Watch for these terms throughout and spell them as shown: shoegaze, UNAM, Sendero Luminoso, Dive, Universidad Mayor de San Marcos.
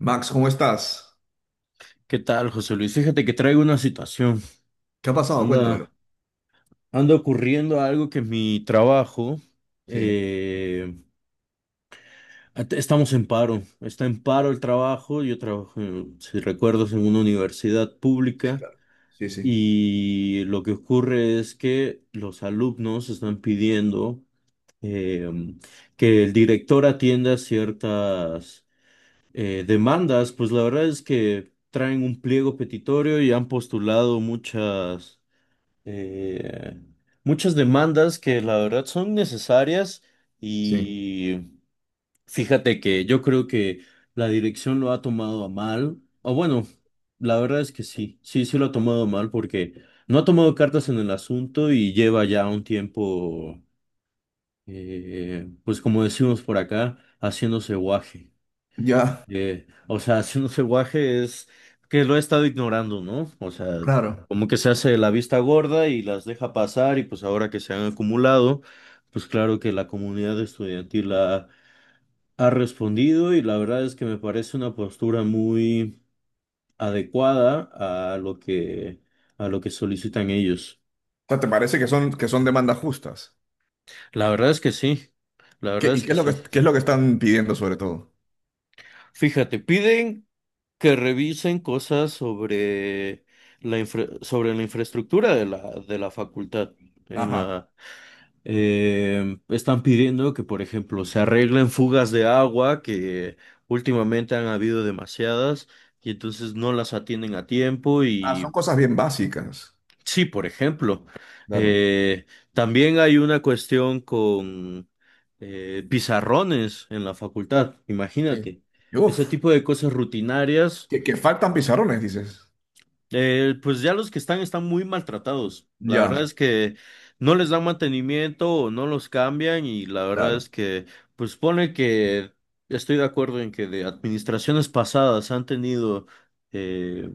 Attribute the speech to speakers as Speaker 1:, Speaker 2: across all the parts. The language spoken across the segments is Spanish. Speaker 1: Max, ¿cómo estás?
Speaker 2: ¿Qué tal, José Luis? Fíjate que traigo una situación.
Speaker 1: ¿Qué ha pasado? Cuéntamelo.
Speaker 2: Anda, anda ocurriendo algo que mi trabajo,
Speaker 1: Sí,
Speaker 2: eh, estamos en paro. Está en paro el trabajo. Yo trabajo, si recuerdas, en una universidad
Speaker 1: sí,
Speaker 2: pública,
Speaker 1: claro. Sí, sí,
Speaker 2: y lo que ocurre es que los alumnos están pidiendo eh, que el director atienda ciertas demandas, pues la verdad es que traen un pliego petitorio y han postulado eh, muchas demandas que la verdad son necesarias.
Speaker 1: sí.
Speaker 2: Y fíjate que yo creo que la dirección lo ha tomado a mal, o bueno, la verdad es que sí, sí, sí lo ha tomado a mal porque no ha tomado cartas en el asunto y lleva ya un tiempo, pues como decimos por acá, haciéndose guaje.
Speaker 1: Ya,
Speaker 2: O sea, haciéndose guaje es que lo he estado ignorando, ¿no? O sea,
Speaker 1: claro.
Speaker 2: como que se hace la vista gorda y las deja pasar, y pues ahora que se han acumulado, pues claro que la comunidad estudiantil ha respondido y la verdad es que me parece una postura muy adecuada a lo que solicitan ellos.
Speaker 1: O sea, ¿te parece que son demandas justas?
Speaker 2: La verdad es que sí, la
Speaker 1: ¿Qué,
Speaker 2: verdad
Speaker 1: y
Speaker 2: es
Speaker 1: qué
Speaker 2: que
Speaker 1: es lo
Speaker 2: sí.
Speaker 1: que, qué es lo que están pidiendo sobre todo?
Speaker 2: Fíjate, piden que revisen cosas sobre la infraestructura de la facultad. En
Speaker 1: Ajá.
Speaker 2: la, están pidiendo que, por ejemplo, se arreglen fugas de agua, que últimamente han habido demasiadas, y entonces no las atienden a tiempo.
Speaker 1: Ah, son
Speaker 2: Y
Speaker 1: cosas bien básicas.
Speaker 2: sí, por ejemplo,
Speaker 1: Claro.
Speaker 2: eh, también hay una cuestión con pizarrones en la facultad,
Speaker 1: Sí.
Speaker 2: imagínate.
Speaker 1: Y
Speaker 2: Ese
Speaker 1: uf,
Speaker 2: tipo de cosas rutinarias.
Speaker 1: que faltan pizarrones, dices.
Speaker 2: Pues ya los que están muy maltratados. La verdad
Speaker 1: Ya,
Speaker 2: es que no les dan mantenimiento o no los cambian, y la verdad
Speaker 1: claro.
Speaker 2: es que pues pone que estoy de acuerdo en que de administraciones pasadas han tenido eh,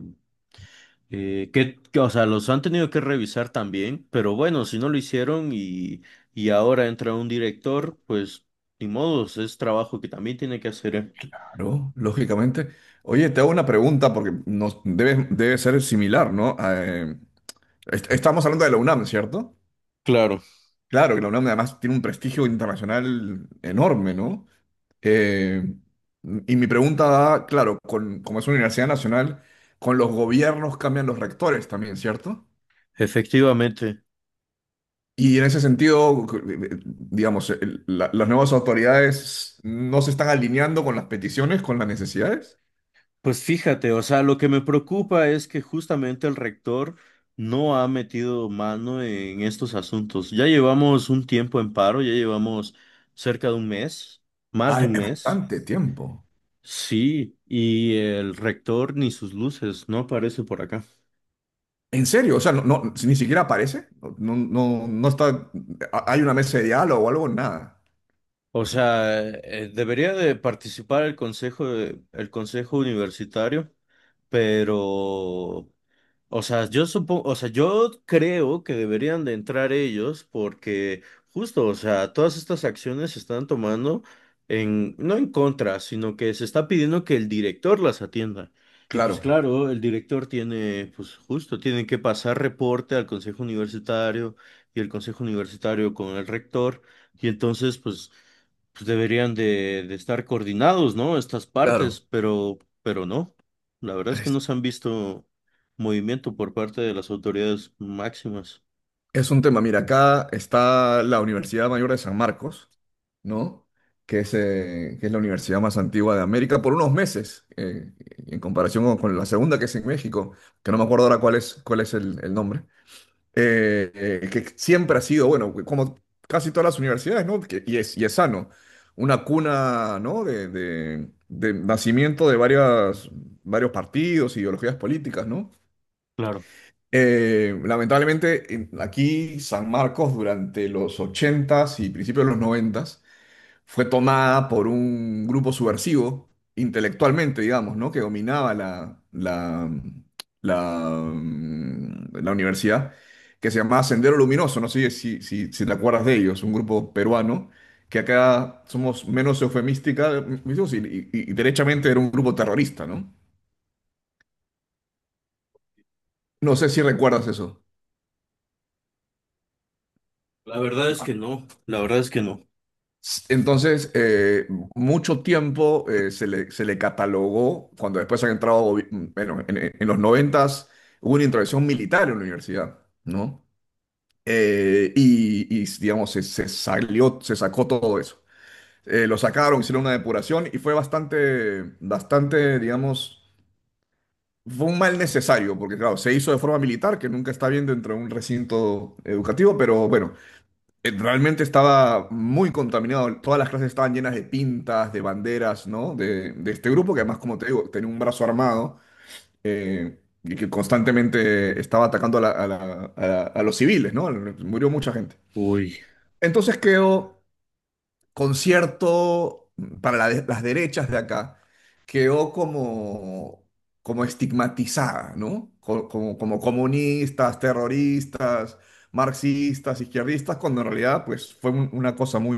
Speaker 2: que, o sea, los han tenido que revisar también, pero bueno, si no lo hicieron, y ahora entra un director, pues ni modos, es trabajo que también tiene que hacer, ¿eh?
Speaker 1: Claro, lógicamente. Oye, te hago una pregunta porque nos debe, debe ser similar, ¿no? Estamos hablando de la UNAM, ¿cierto?
Speaker 2: Claro,
Speaker 1: Claro que la UNAM además tiene un prestigio internacional enorme, ¿no? Eh, y mi pregunta va, claro, con, como es una universidad nacional, con los gobiernos cambian los rectores también, ¿cierto?
Speaker 2: efectivamente.
Speaker 1: Y en ese sentido, digamos, las nuevas autoridades no se están alineando con las peticiones, con las necesidades.
Speaker 2: Pues fíjate, o sea, lo que me preocupa es que justamente el rector no ha metido mano en estos asuntos. Ya llevamos un tiempo en paro, ya llevamos cerca de un mes, más
Speaker 1: Ah,
Speaker 2: de un
Speaker 1: es
Speaker 2: mes.
Speaker 1: bastante tiempo.
Speaker 2: Sí, y el rector ni sus luces, no aparece por acá.
Speaker 1: En serio, o sea, si ni siquiera aparece. No, no, no está. ¿Hay una mesa de diálogo o algo? Nada.
Speaker 2: O sea, debería de participar el consejo, el consejo universitario, pero o sea, yo supongo, o sea, yo creo que deberían de entrar ellos porque justo, o sea, todas estas acciones se están tomando en, no en contra, sino que se está pidiendo que el director las atienda. Y pues
Speaker 1: Claro,
Speaker 2: claro, el director tiene, pues justo, tiene que pasar reporte al consejo universitario y el consejo universitario con el rector. Y entonces, pues, pues deberían de estar coordinados, ¿no? Estas partes,
Speaker 1: claro.
Speaker 2: pero no. La verdad es que no se han visto movimiento por parte de las autoridades máximas.
Speaker 1: Es un tema, mira, acá está la Universidad Mayor de San Marcos, ¿no? Que es la universidad más antigua de América por unos meses, en comparación con la segunda que es en México, que no me acuerdo ahora cuál es el nombre. Que siempre ha sido, bueno, como casi todas las universidades, ¿no? Y es, y es sano, una cuna, ¿no? De nacimiento de varias, varios partidos, ideologías políticas, ¿no?
Speaker 2: Claro.
Speaker 1: Lamentablemente, aquí San Marcos durante los ochentas y principios de los noventas fue tomada por un grupo subversivo, intelectualmente, digamos, ¿no? Que dominaba la, la universidad, que se llamaba Sendero Luminoso, no sé si te acuerdas de ellos, un grupo peruano, que acá somos menos eufemística, mm, y, y derechamente era un grupo terrorista, ¿no? No sé si recuerdas eso.
Speaker 2: La verdad es que no, la verdad es que no.
Speaker 1: Entonces, mucho tiempo se le catalogó, cuando después han entrado, bueno, en los noventas hubo una intervención militar en la universidad, ¿no? Y, y, digamos, se salió, se sacó todo eso. Lo sacaron, hicieron una depuración y fue bastante, bastante, digamos, fue un mal necesario, porque claro, se hizo de forma militar, que nunca está bien dentro de un recinto educativo, pero bueno, realmente estaba muy contaminado. Todas las clases estaban llenas de pintas, de banderas, ¿no? De este grupo que además, como te digo, tenía un brazo armado, y que constantemente estaba atacando a, a los civiles, ¿no? Murió mucha gente.
Speaker 2: Uy,
Speaker 1: Entonces quedó concierto para las derechas de acá, quedó como, como estigmatizada, ¿no? Como, como comunistas, terroristas, marxistas, izquierdistas, cuando en realidad pues fue una cosa muy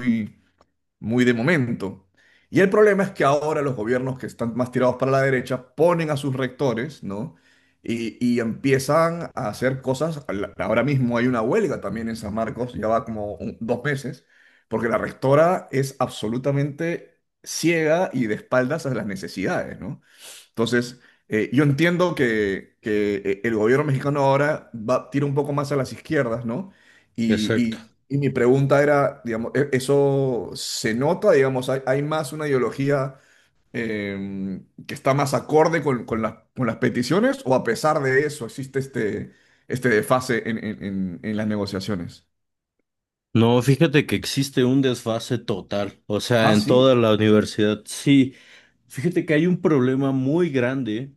Speaker 1: muy de momento. Y el problema es que ahora los gobiernos que están más tirados para la derecha ponen a sus rectores, ¿no? Y empiezan a hacer cosas. Ahora mismo hay una huelga también en San Marcos, ya va como dos meses, porque la rectora es absolutamente ciega y de espaldas a las necesidades, ¿no? Entonces, yo entiendo que, el gobierno mexicano ahora va, tira un poco más a las izquierdas, ¿no? Y,
Speaker 2: exacto.
Speaker 1: y mi pregunta era, digamos, ¿eso se nota? Digamos, ¿hay, hay más una ideología eh, que está más acorde con, con las peticiones? ¿O a pesar de eso existe este, este desfase en, en las negociaciones?
Speaker 2: No, fíjate que existe un desfase total, o sea,
Speaker 1: Ah,
Speaker 2: en toda
Speaker 1: sí,
Speaker 2: la universidad. Sí, fíjate que hay un problema muy grande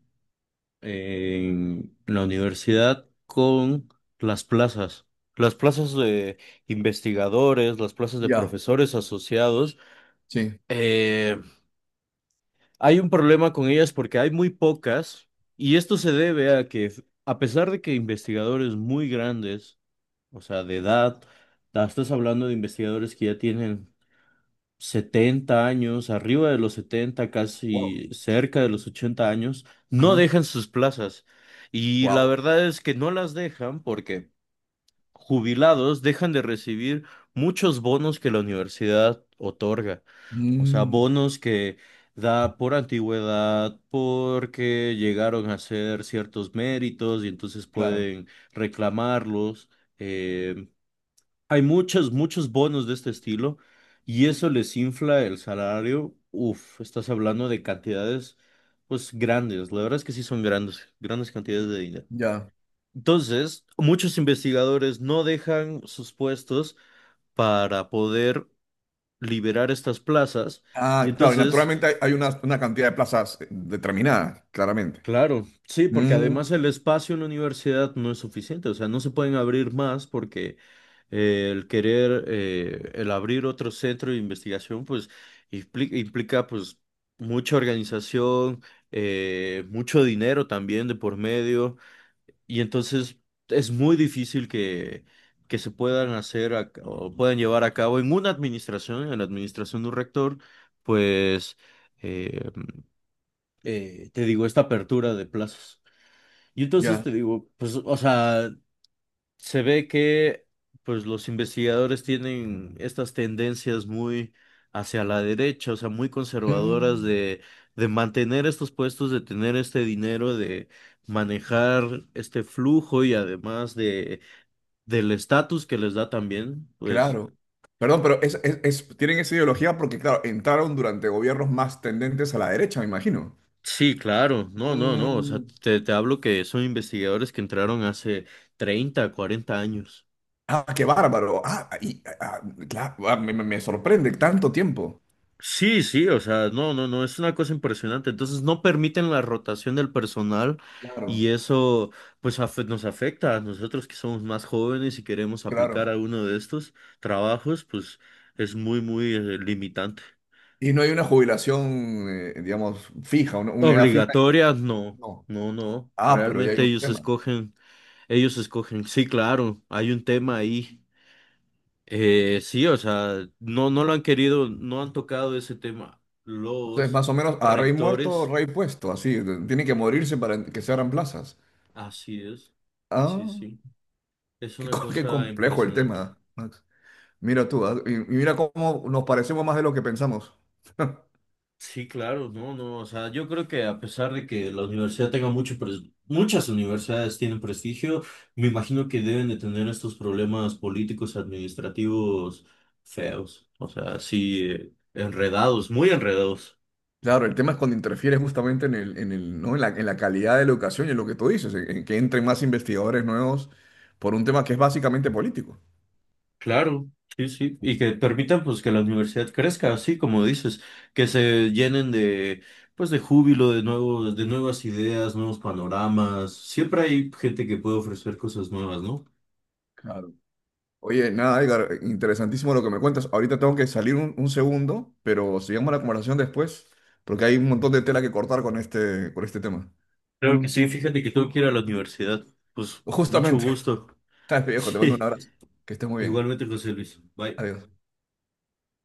Speaker 2: en la universidad con las plazas. Las plazas de investigadores, las plazas de
Speaker 1: ya,
Speaker 2: profesores asociados.
Speaker 1: sí.
Speaker 2: eh, Hay un problema con ellas porque hay muy pocas, y esto se debe a que, a pesar de que investigadores muy grandes, o sea, de edad, estás hablando de investigadores que ya tienen 70 años, arriba de los 70,
Speaker 1: Wow.
Speaker 2: casi cerca de los 80 años, no
Speaker 1: Ajá.
Speaker 2: dejan sus plazas. Y la
Speaker 1: Wow.
Speaker 2: verdad es que no las dejan porque jubilados dejan de recibir muchos bonos que la universidad otorga. O sea,
Speaker 1: Mm,
Speaker 2: bonos que da por antigüedad, porque llegaron a hacer ciertos méritos y entonces
Speaker 1: claro,
Speaker 2: pueden reclamarlos. Eh, hay muchos, muchos bonos de este estilo y eso les infla el salario. Uf, estás hablando de cantidades, pues grandes. La verdad es que sí son grandes, grandes cantidades de dinero.
Speaker 1: ya.
Speaker 2: Entonces, muchos investigadores no dejan sus puestos para poder liberar estas plazas. Y
Speaker 1: Ah, claro, y
Speaker 2: entonces,
Speaker 1: naturalmente hay, hay una cantidad de plazas determinada, claramente.
Speaker 2: claro, sí, porque
Speaker 1: Mm,
Speaker 2: además el espacio en la universidad no es suficiente, o sea, no se pueden abrir más porque el querer, el abrir otro centro de investigación, pues implica, pues mucha organización, mucho dinero también de por medio. Y entonces es muy difícil que se puedan hacer o puedan llevar a cabo en una administración, en la administración de un rector, pues, eh, te digo, esta apertura de plazos. Y entonces
Speaker 1: ya.
Speaker 2: te digo, pues, o sea, se ve que pues los investigadores tienen estas tendencias muy hacia la derecha, o sea, muy conservadoras
Speaker 1: Mm,
Speaker 2: de mantener estos puestos, de tener este dinero, de manejar este flujo y además de del estatus que les da también, pues
Speaker 1: claro. Perdón, pero es, tienen esa ideología porque, claro, entraron durante gobiernos más tendentes a la derecha, me imagino.
Speaker 2: sí, claro, no, no, no, o sea,
Speaker 1: Mm,
Speaker 2: te hablo que son investigadores que entraron hace 30, 40 años.
Speaker 1: ah, qué bárbaro. Ah, y, ah, claro, ah, me, me sorprende tanto tiempo.
Speaker 2: Sí, sí, o sea, no, no, no, es una cosa impresionante. Entonces no permiten la rotación del personal y
Speaker 1: Claro,
Speaker 2: eso pues nos afecta a nosotros que somos más jóvenes y queremos aplicar
Speaker 1: claro.
Speaker 2: alguno de estos trabajos, pues es muy, muy limitante.
Speaker 1: Y no hay una jubilación, digamos, fija, una edad fija.
Speaker 2: Obligatorias, no,
Speaker 1: No.
Speaker 2: no, no.
Speaker 1: Ah, pero ya hay
Speaker 2: Realmente
Speaker 1: un
Speaker 2: ellos
Speaker 1: tema.
Speaker 2: escogen, ellos escogen. Sí, claro, hay un tema ahí. Sí, o sea, no, no lo han querido, no han tocado ese tema.
Speaker 1: Entonces,
Speaker 2: Los
Speaker 1: más o menos, a rey muerto,
Speaker 2: rectores,
Speaker 1: rey puesto, así. Tienen que morirse para que se abran plazas.
Speaker 2: así es. Sí,
Speaker 1: Ah,
Speaker 2: sí. Es
Speaker 1: qué,
Speaker 2: una
Speaker 1: qué
Speaker 2: cosa
Speaker 1: complejo el
Speaker 2: impresionante.
Speaker 1: tema, Max. Mira tú, ah, y mira cómo nos parecemos más de lo que pensamos.
Speaker 2: Sí, claro, no, no, o sea, yo creo que a pesar de que la universidad tenga mucho, muchas universidades tienen prestigio, me imagino que deben de tener estos problemas políticos, administrativos feos, o sea, sí, enredados, muy enredados,
Speaker 1: Claro, el tema es cuando interfiere justamente en el, ¿no? En la, en la calidad de la educación y en lo que tú dices, en que entren más investigadores nuevos por un tema que es básicamente político.
Speaker 2: claro, sí, sí, y que permitan pues que la universidad crezca, así como dices, que se llenen pues de júbilo, de nuevas ideas, nuevos panoramas, siempre hay gente que puede ofrecer cosas nuevas, ¿no?
Speaker 1: Claro. Oye, nada, Edgar, interesantísimo lo que me cuentas. Ahorita tengo que salir un segundo, pero sigamos la conversación después, porque hay un montón de tela que cortar con este tema.
Speaker 2: Claro que sí, fíjate que tengo que ir a la universidad. Pues mucho
Speaker 1: Justamente.
Speaker 2: gusto.
Speaker 1: Dale, viejo, te mando un
Speaker 2: Sí,
Speaker 1: abrazo. Que estés muy bien.
Speaker 2: igualmente, José Luis. Bye.
Speaker 1: Adiós.